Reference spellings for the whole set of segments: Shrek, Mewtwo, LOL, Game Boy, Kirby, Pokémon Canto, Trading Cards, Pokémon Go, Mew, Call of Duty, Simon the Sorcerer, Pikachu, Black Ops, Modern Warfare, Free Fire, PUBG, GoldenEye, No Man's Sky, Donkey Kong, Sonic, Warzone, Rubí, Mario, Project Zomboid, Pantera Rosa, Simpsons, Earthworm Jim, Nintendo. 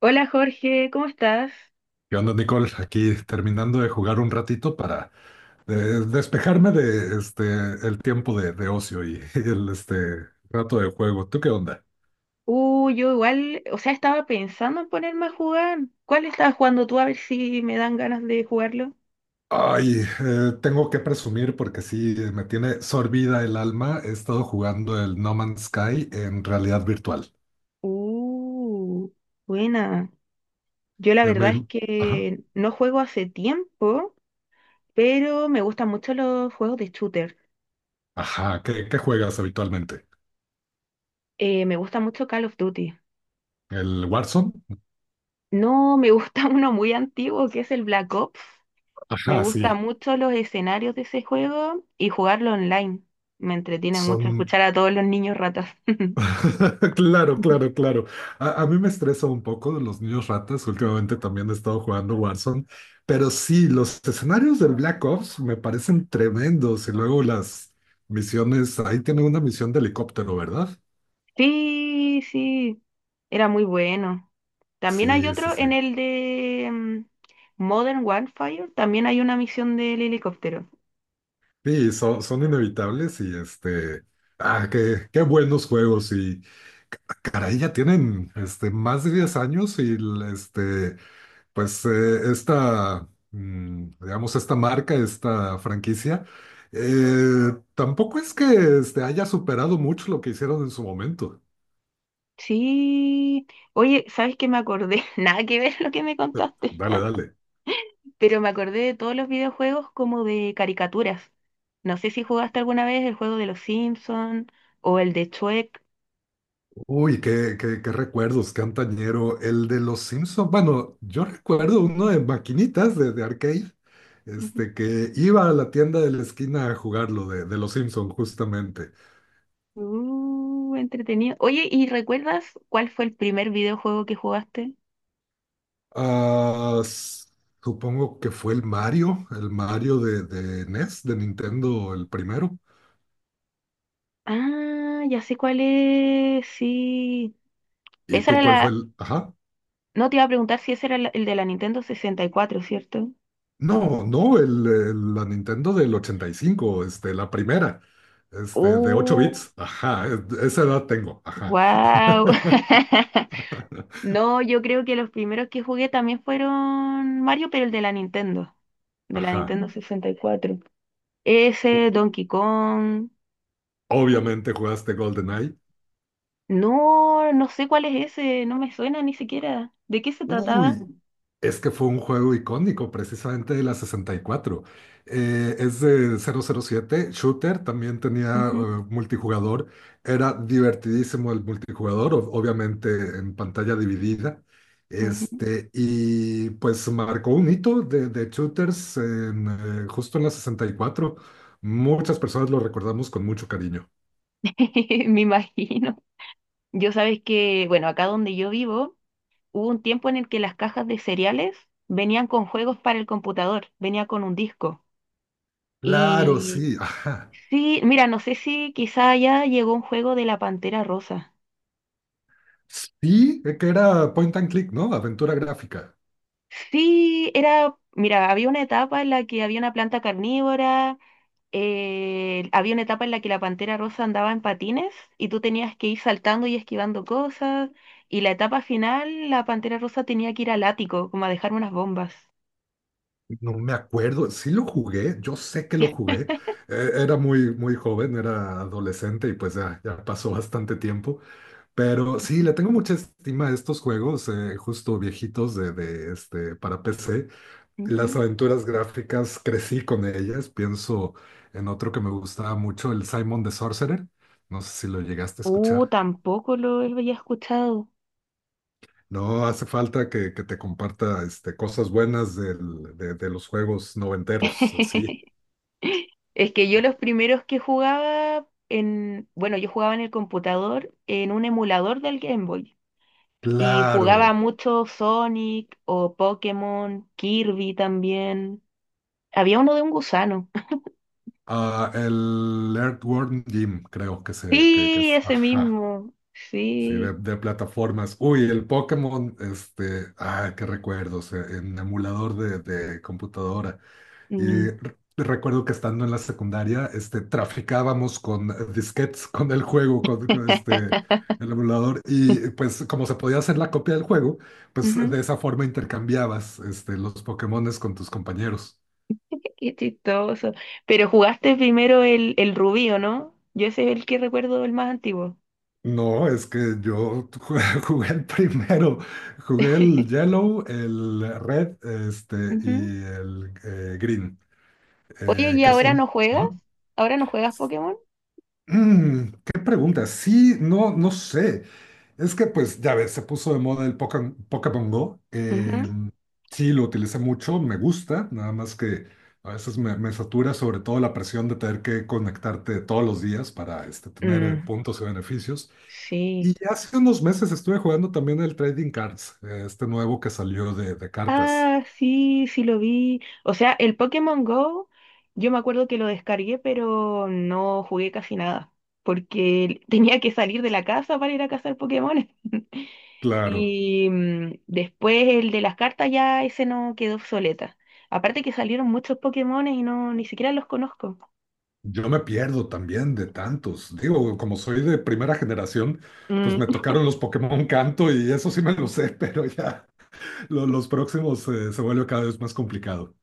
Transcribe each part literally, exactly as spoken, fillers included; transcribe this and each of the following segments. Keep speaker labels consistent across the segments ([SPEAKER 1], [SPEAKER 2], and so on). [SPEAKER 1] Hola Jorge, ¿cómo estás?
[SPEAKER 2] ¿Qué onda, Nicole? Aquí terminando de jugar un ratito para eh, despejarme de este el tiempo de, de ocio y, el este rato de juego. ¿Tú qué onda?
[SPEAKER 1] Uh, yo igual, o sea, estaba pensando en ponerme a jugar. ¿Cuál estabas jugando tú? A ver si me dan ganas de jugarlo.
[SPEAKER 2] Ay, eh, tengo que presumir porque sí eh, me tiene sorbida el alma. He estado jugando el No Man's Sky en realidad virtual.
[SPEAKER 1] Uh, Buena. Yo la
[SPEAKER 2] Eh,
[SPEAKER 1] verdad es
[SPEAKER 2] me- ajá,
[SPEAKER 1] que no juego hace tiempo, pero me gustan mucho los juegos de shooter.
[SPEAKER 2] ajá. ¿Qué, qué juegas habitualmente?
[SPEAKER 1] Eh, me gusta mucho Call of Duty.
[SPEAKER 2] ¿El Warzone?
[SPEAKER 1] No, me gusta uno muy antiguo que es el Black Ops. Me
[SPEAKER 2] Ajá, sí.
[SPEAKER 1] gustan mucho los escenarios de ese juego y jugarlo online. Me entretiene mucho
[SPEAKER 2] Son
[SPEAKER 1] escuchar a todos los niños ratas.
[SPEAKER 2] Claro, claro, claro. A, a mí me estresa un poco de los niños ratas. Últimamente también he estado jugando Warzone, pero sí, los escenarios del Black Ops me parecen tremendos. Y luego las misiones, ahí tiene una misión de helicóptero, ¿verdad?
[SPEAKER 1] Sí, sí, era muy bueno. También hay
[SPEAKER 2] Sí, sí,
[SPEAKER 1] otro
[SPEAKER 2] sí.
[SPEAKER 1] en el de mm, Modern Warfare, también hay una misión del helicóptero.
[SPEAKER 2] Sí, son, son inevitables y este, ah, qué, qué buenos juegos y ca- caray, ya tienen este, más de diez años y el, este, pues eh, esta, mm, digamos, esta marca, esta franquicia, eh, tampoco es que este, haya superado mucho lo que hicieron en su momento.
[SPEAKER 1] Sí, oye, ¿sabes qué me acordé? Nada que ver lo que me
[SPEAKER 2] Eh,
[SPEAKER 1] contaste,
[SPEAKER 2] Dale, dale.
[SPEAKER 1] pero me acordé de todos los videojuegos como de caricaturas. No sé si jugaste alguna vez el juego de los Simpsons o el de Shrek.
[SPEAKER 2] Uy, qué, qué, qué recuerdos, qué antañero. El de los Simpsons. Bueno, yo recuerdo uno de maquinitas de, de arcade,
[SPEAKER 1] Ujú.
[SPEAKER 2] este, que iba a la tienda de la esquina a jugarlo de, de los Simpsons, justamente.
[SPEAKER 1] Uh, entretenido. Oye, ¿y recuerdas cuál fue el primer videojuego que jugaste?
[SPEAKER 2] Ah, s- Supongo que fue el Mario, el Mario de, de N E S, de Nintendo, el primero.
[SPEAKER 1] Ah, ya sé cuál es, sí.
[SPEAKER 2] ¿Y
[SPEAKER 1] Esa
[SPEAKER 2] tú
[SPEAKER 1] era
[SPEAKER 2] cuál fue
[SPEAKER 1] la...
[SPEAKER 2] el...? Ajá.
[SPEAKER 1] No te iba a preguntar si ese era la- el de la Nintendo sesenta y cuatro, ¿cierto?
[SPEAKER 2] No, no, el, el- la Nintendo del ochenta y cinco, este, la primera, este, de ocho
[SPEAKER 1] Uh,
[SPEAKER 2] bits. Ajá, es- esa edad tengo. Ajá,
[SPEAKER 1] wow. No, yo creo que los primeros que jugué también fueron Mario, pero el de la Nintendo, de la
[SPEAKER 2] ajá.
[SPEAKER 1] Nintendo sesenta y cuatro.
[SPEAKER 2] O-
[SPEAKER 1] Ese, Donkey Kong.
[SPEAKER 2] Obviamente jugaste GoldenEye.
[SPEAKER 1] No, no sé cuál es ese, no me suena ni siquiera. ¿De qué se trataba?
[SPEAKER 2] Uy, es que fue un juego icónico, precisamente de la sesenta y cuatro. Eh, es de cero cero siete shooter, también tenía eh,
[SPEAKER 1] Ujú,
[SPEAKER 2] multijugador. Era divertidísimo el multijugador, ob- obviamente en pantalla dividida.
[SPEAKER 1] ujú.
[SPEAKER 2] Este, y pues marcó un hito de, de shooters en, eh, justo en la sesenta y cuatro. Muchas personas lo recordamos con mucho cariño.
[SPEAKER 1] Me imagino. Yo sabes que, bueno, acá donde yo vivo, hubo un tiempo en el que las cajas de cereales venían con juegos para el computador, venía con un disco.
[SPEAKER 2] Claro,
[SPEAKER 1] Y
[SPEAKER 2] sí, ajá.
[SPEAKER 1] sí, mira, no sé si quizá ya llegó un juego de la Pantera Rosa.
[SPEAKER 2] Sí, eh, que era point and click, ¿no? Aventura gráfica.
[SPEAKER 1] Sí, era, mira, había una etapa en la que había una planta carnívora, eh, había una etapa en la que la Pantera Rosa andaba en patines y tú tenías que ir saltando y esquivando cosas. Y la etapa final, la Pantera Rosa tenía que ir al ático, como a dejar unas bombas.
[SPEAKER 2] No me acuerdo, sí lo jugué, yo sé que lo jugué, eh, era muy, muy joven, era adolescente y pues ya, ya pasó bastante tiempo, pero sí, le tengo mucha estima a estos juegos, eh, justo viejitos de, de, este, para P C. Las
[SPEAKER 1] Ujú.
[SPEAKER 2] aventuras gráficas crecí con ellas, pienso en otro que me gustaba mucho, el Simon the Sorcerer, no sé si lo llegaste a
[SPEAKER 1] Uh,
[SPEAKER 2] escuchar.
[SPEAKER 1] tampoco lo había escuchado.
[SPEAKER 2] No, hace falta que, que te comparta este, cosas buenas del- de, de los juegos noventeros, sí.
[SPEAKER 1] Es que yo los primeros que jugaba en, bueno, yo jugaba en el computador en un emulador del Game Boy y jugaba
[SPEAKER 2] Claro,
[SPEAKER 1] mucho Sonic o Pokémon, Kirby también. Había uno de un gusano.
[SPEAKER 2] ah, el Earthworm Jim, creo que se, que, que
[SPEAKER 1] Sí,
[SPEAKER 2] es,
[SPEAKER 1] ese
[SPEAKER 2] ajá,
[SPEAKER 1] mismo.
[SPEAKER 2] sí, de,
[SPEAKER 1] Sí.
[SPEAKER 2] de plataformas. Uy, el Pokémon, este, ah, qué recuerdos, eh, en emulador de, de computadora. Y
[SPEAKER 1] Mm.
[SPEAKER 2] re- recuerdo que estando en la secundaria, este, traficábamos con disquetes, con el juego, con, con este, el emulador, y pues como se podía hacer la copia del juego, pues de
[SPEAKER 1] Ujú.
[SPEAKER 2] esa forma intercambiabas, este, los Pokémones con tus compañeros.
[SPEAKER 1] Qué chistoso. Pero jugaste primero el, el Rubí, ¿o no? Yo ese es el que recuerdo el más antiguo.
[SPEAKER 2] No, es que yo jugué, jugué el primero, jugué el yellow, el red, este,
[SPEAKER 1] Ujú.
[SPEAKER 2] y el eh, green,
[SPEAKER 1] Oye,
[SPEAKER 2] eh,
[SPEAKER 1] ¿y
[SPEAKER 2] que
[SPEAKER 1] ahora
[SPEAKER 2] son...
[SPEAKER 1] no juegas?
[SPEAKER 2] Ajá.
[SPEAKER 1] ¿Ahora no juegas Pokémon?
[SPEAKER 2] Mm, ¿qué pregunta? Sí, no, no sé. Es que pues ya ves, se puso de moda el poca Pokémon Go.
[SPEAKER 1] Ujú.
[SPEAKER 2] eh, sí, lo utilicé mucho, me gusta, nada más que a veces me, me satura sobre todo la presión de tener que conectarte todos los días para este, tener eh,
[SPEAKER 1] Mm,
[SPEAKER 2] puntos y beneficios.
[SPEAKER 1] sí.
[SPEAKER 2] Y hace unos meses estuve jugando también el Trading Cards, eh, este nuevo que salió de, de cartas.
[SPEAKER 1] Ah, sí, sí lo vi. O sea, el Pokémon Go, yo me acuerdo que lo descargué, pero no jugué casi nada, porque tenía que salir de la casa para ir a cazar Pokémon.
[SPEAKER 2] Claro,
[SPEAKER 1] Y mm, después el de las cartas ya ese no quedó obsoleta. Aparte que salieron muchos Pokémones y no ni siquiera los conozco.
[SPEAKER 2] yo me pierdo también de tantos. Digo, como soy de primera generación, pues
[SPEAKER 1] Mm.
[SPEAKER 2] me tocaron los Pokémon Canto y eso sí me lo sé, pero ya lo- los próximos eh, se vuelve cada vez más complicado.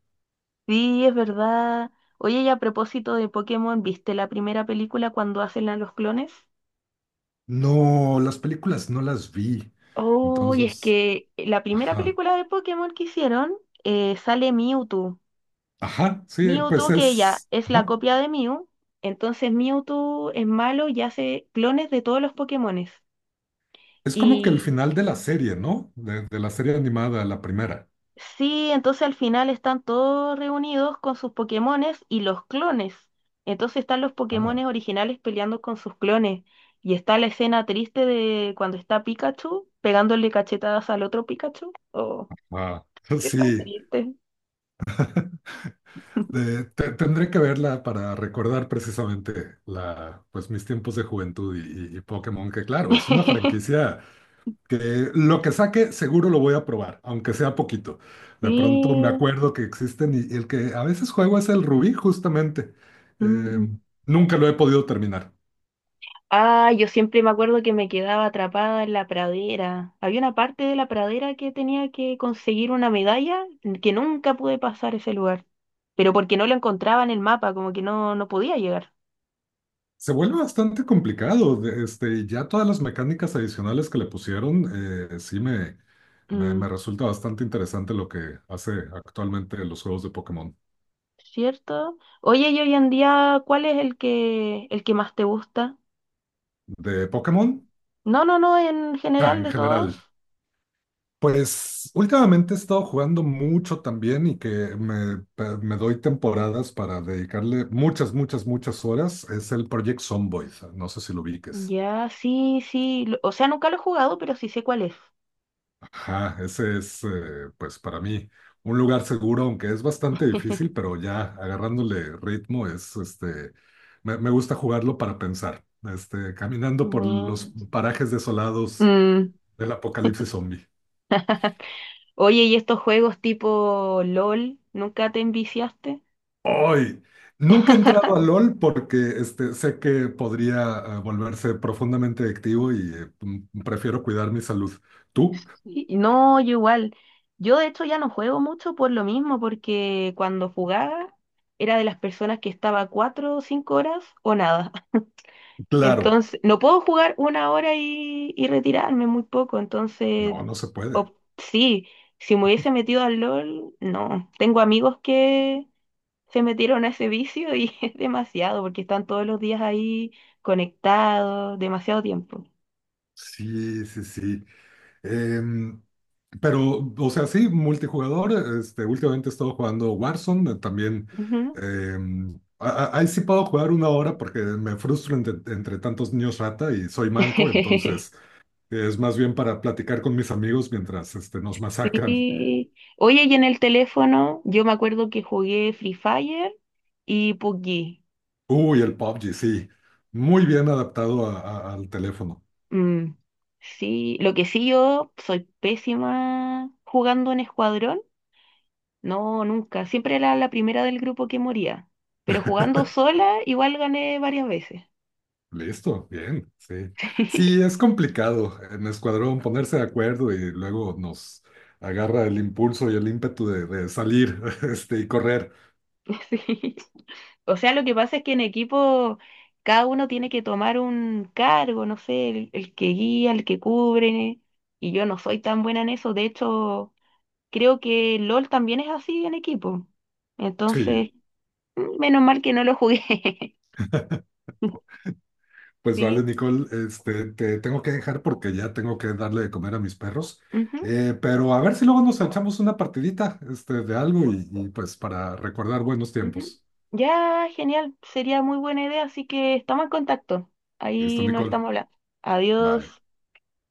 [SPEAKER 1] Sí, es verdad. Oye, y a propósito de Pokémon, ¿viste la primera película cuando hacen a los clones?
[SPEAKER 2] No, las películas no las vi.
[SPEAKER 1] Oh, y es
[SPEAKER 2] Entonces,
[SPEAKER 1] que la primera
[SPEAKER 2] ajá,
[SPEAKER 1] película de Pokémon que hicieron eh, sale Mewtwo.
[SPEAKER 2] ajá, sí, pues
[SPEAKER 1] Mewtwo que ella
[SPEAKER 2] es,
[SPEAKER 1] es la
[SPEAKER 2] ajá.
[SPEAKER 1] copia de Mew, entonces Mewtwo es malo y hace clones de todos los Pokémones.
[SPEAKER 2] Es como que el
[SPEAKER 1] Y
[SPEAKER 2] final de la serie, ¿no? De, de la serie animada, la primera.
[SPEAKER 1] sí, entonces al final están todos reunidos con sus Pokémones y los clones. Entonces están los
[SPEAKER 2] Ah.
[SPEAKER 1] Pokémones originales peleando con sus clones. Y está la escena triste de cuando está Pikachu pegándole cachetadas al otro Pikachu. Oh,
[SPEAKER 2] Ah,
[SPEAKER 1] qué tan
[SPEAKER 2] sí,
[SPEAKER 1] triste.
[SPEAKER 2] de- te- tendré que verla para recordar precisamente la, pues, mis tiempos de juventud y, y- y Pokémon, que claro, es una franquicia que lo que saque seguro lo voy a probar, aunque sea poquito. De pronto me
[SPEAKER 1] Sí.
[SPEAKER 2] acuerdo que existen y, y el que a veces juego es el Rubí, justamente. Eh,
[SPEAKER 1] Mm.
[SPEAKER 2] nunca lo he podido terminar.
[SPEAKER 1] Ah, yo siempre me acuerdo que me quedaba atrapada en la pradera. Había una parte de la pradera que tenía que conseguir una medalla que nunca pude pasar ese lugar, pero porque no lo encontraba en el mapa, como que no, no podía llegar.
[SPEAKER 2] Se vuelve bastante complicado. De- Este, ya todas las mecánicas adicionales que le pusieron, eh, sí me, me, me
[SPEAKER 1] Mm,
[SPEAKER 2] resulta bastante interesante lo que hace actualmente los juegos de Pokémon.
[SPEAKER 1] ¿Cierto? Oye, y hoy en día, ¿cuál es el que, el que más te gusta?
[SPEAKER 2] ¿De Pokémon?
[SPEAKER 1] No, no, no, en
[SPEAKER 2] Ah,
[SPEAKER 1] general
[SPEAKER 2] en
[SPEAKER 1] de
[SPEAKER 2] general.
[SPEAKER 1] todos.
[SPEAKER 2] Pues últimamente he estado jugando mucho también y que me, pe- me doy temporadas para dedicarle muchas, muchas, muchas horas. Es el Project Zomboid. No sé si lo ubiques.
[SPEAKER 1] Ya, sí, sí. lo- O sea, nunca lo he jugado, pero sí sé cuál es.
[SPEAKER 2] Ajá, ese es, eh, pues para mí, un lugar seguro, aunque es bastante difícil, pero ya agarrándole ritmo es, este, me, me gusta jugarlo para pensar, este, caminando por
[SPEAKER 1] Bueno.
[SPEAKER 2] los parajes desolados
[SPEAKER 1] Mm,
[SPEAKER 2] del apocalipsis zombie.
[SPEAKER 1] Oye, ¿y estos juegos tipo LOL, nunca te enviciaste?
[SPEAKER 2] Hoy Nunca he entrado a LOL porque, este, sé que podría, eh, volverse profundamente adictivo y, eh, m- prefiero cuidar mi salud. ¿Tú?
[SPEAKER 1] Sí. No, yo igual. Yo de hecho ya no juego mucho por lo mismo, porque cuando jugaba era de las personas que estaba cuatro o cinco horas o nada.
[SPEAKER 2] Claro.
[SPEAKER 1] Entonces, no puedo jugar una hora y, y retirarme muy poco. Entonces,
[SPEAKER 2] No, no se puede.
[SPEAKER 1] op- sí, si me hubiese metido al LOL, no. Tengo amigos que, se metieron a ese vicio y es demasiado, porque están todos los días ahí conectados, demasiado tiempo.
[SPEAKER 2] Sí, sí, sí. Em, pero, o sea, sí, multijugador. Este, últimamente he estado jugando Warzone. eh, También
[SPEAKER 1] Ujú.
[SPEAKER 2] em, a- a- ahí sí puedo jugar una hora porque me frustro entre, entre tantos niños rata y soy manco. Entonces, eh, es más bien para platicar con mis amigos mientras este, nos masacran.
[SPEAKER 1] Sí. Oye, y en el teléfono, yo me acuerdo que jugué Free Fire y pubg.
[SPEAKER 2] Uy, el P U B G, sí. Muy bien adaptado a- a- al teléfono.
[SPEAKER 1] Mm, Sí, lo que sí yo soy pésima jugando en escuadrón. No, nunca. Siempre era la primera del grupo que moría. Pero jugando sola, igual gané varias veces.
[SPEAKER 2] Listo, bien, sí. Sí, es complicado en escuadrón ponerse de acuerdo y luego nos agarra el impulso y el ímpetu de, de salir, este, y correr.
[SPEAKER 1] Sí. O sea, lo que pasa es que en equipo cada uno tiene que tomar un cargo, no sé, el, el que guía, el que cubre, y yo no soy tan buena en eso. De hecho, creo que LOL también es así en equipo.
[SPEAKER 2] Sí,
[SPEAKER 1] Entonces, mm, menos mal que no lo jugué.
[SPEAKER 2] pues vale,
[SPEAKER 1] Sí.
[SPEAKER 2] Nicole, este, te tengo que dejar porque ya tengo que darle de comer a mis perros.
[SPEAKER 1] Ujú,
[SPEAKER 2] Eh, pero a ver si luego nos echamos una partidita, este, de algo y, y pues para recordar buenos
[SPEAKER 1] ujú.
[SPEAKER 2] tiempos.
[SPEAKER 1] Ya, genial. Sería muy buena idea, así que estamos en contacto.
[SPEAKER 2] Listo,
[SPEAKER 1] Ahí nos
[SPEAKER 2] Nicole.
[SPEAKER 1] estamos hablando.
[SPEAKER 2] Vale.
[SPEAKER 1] Adiós.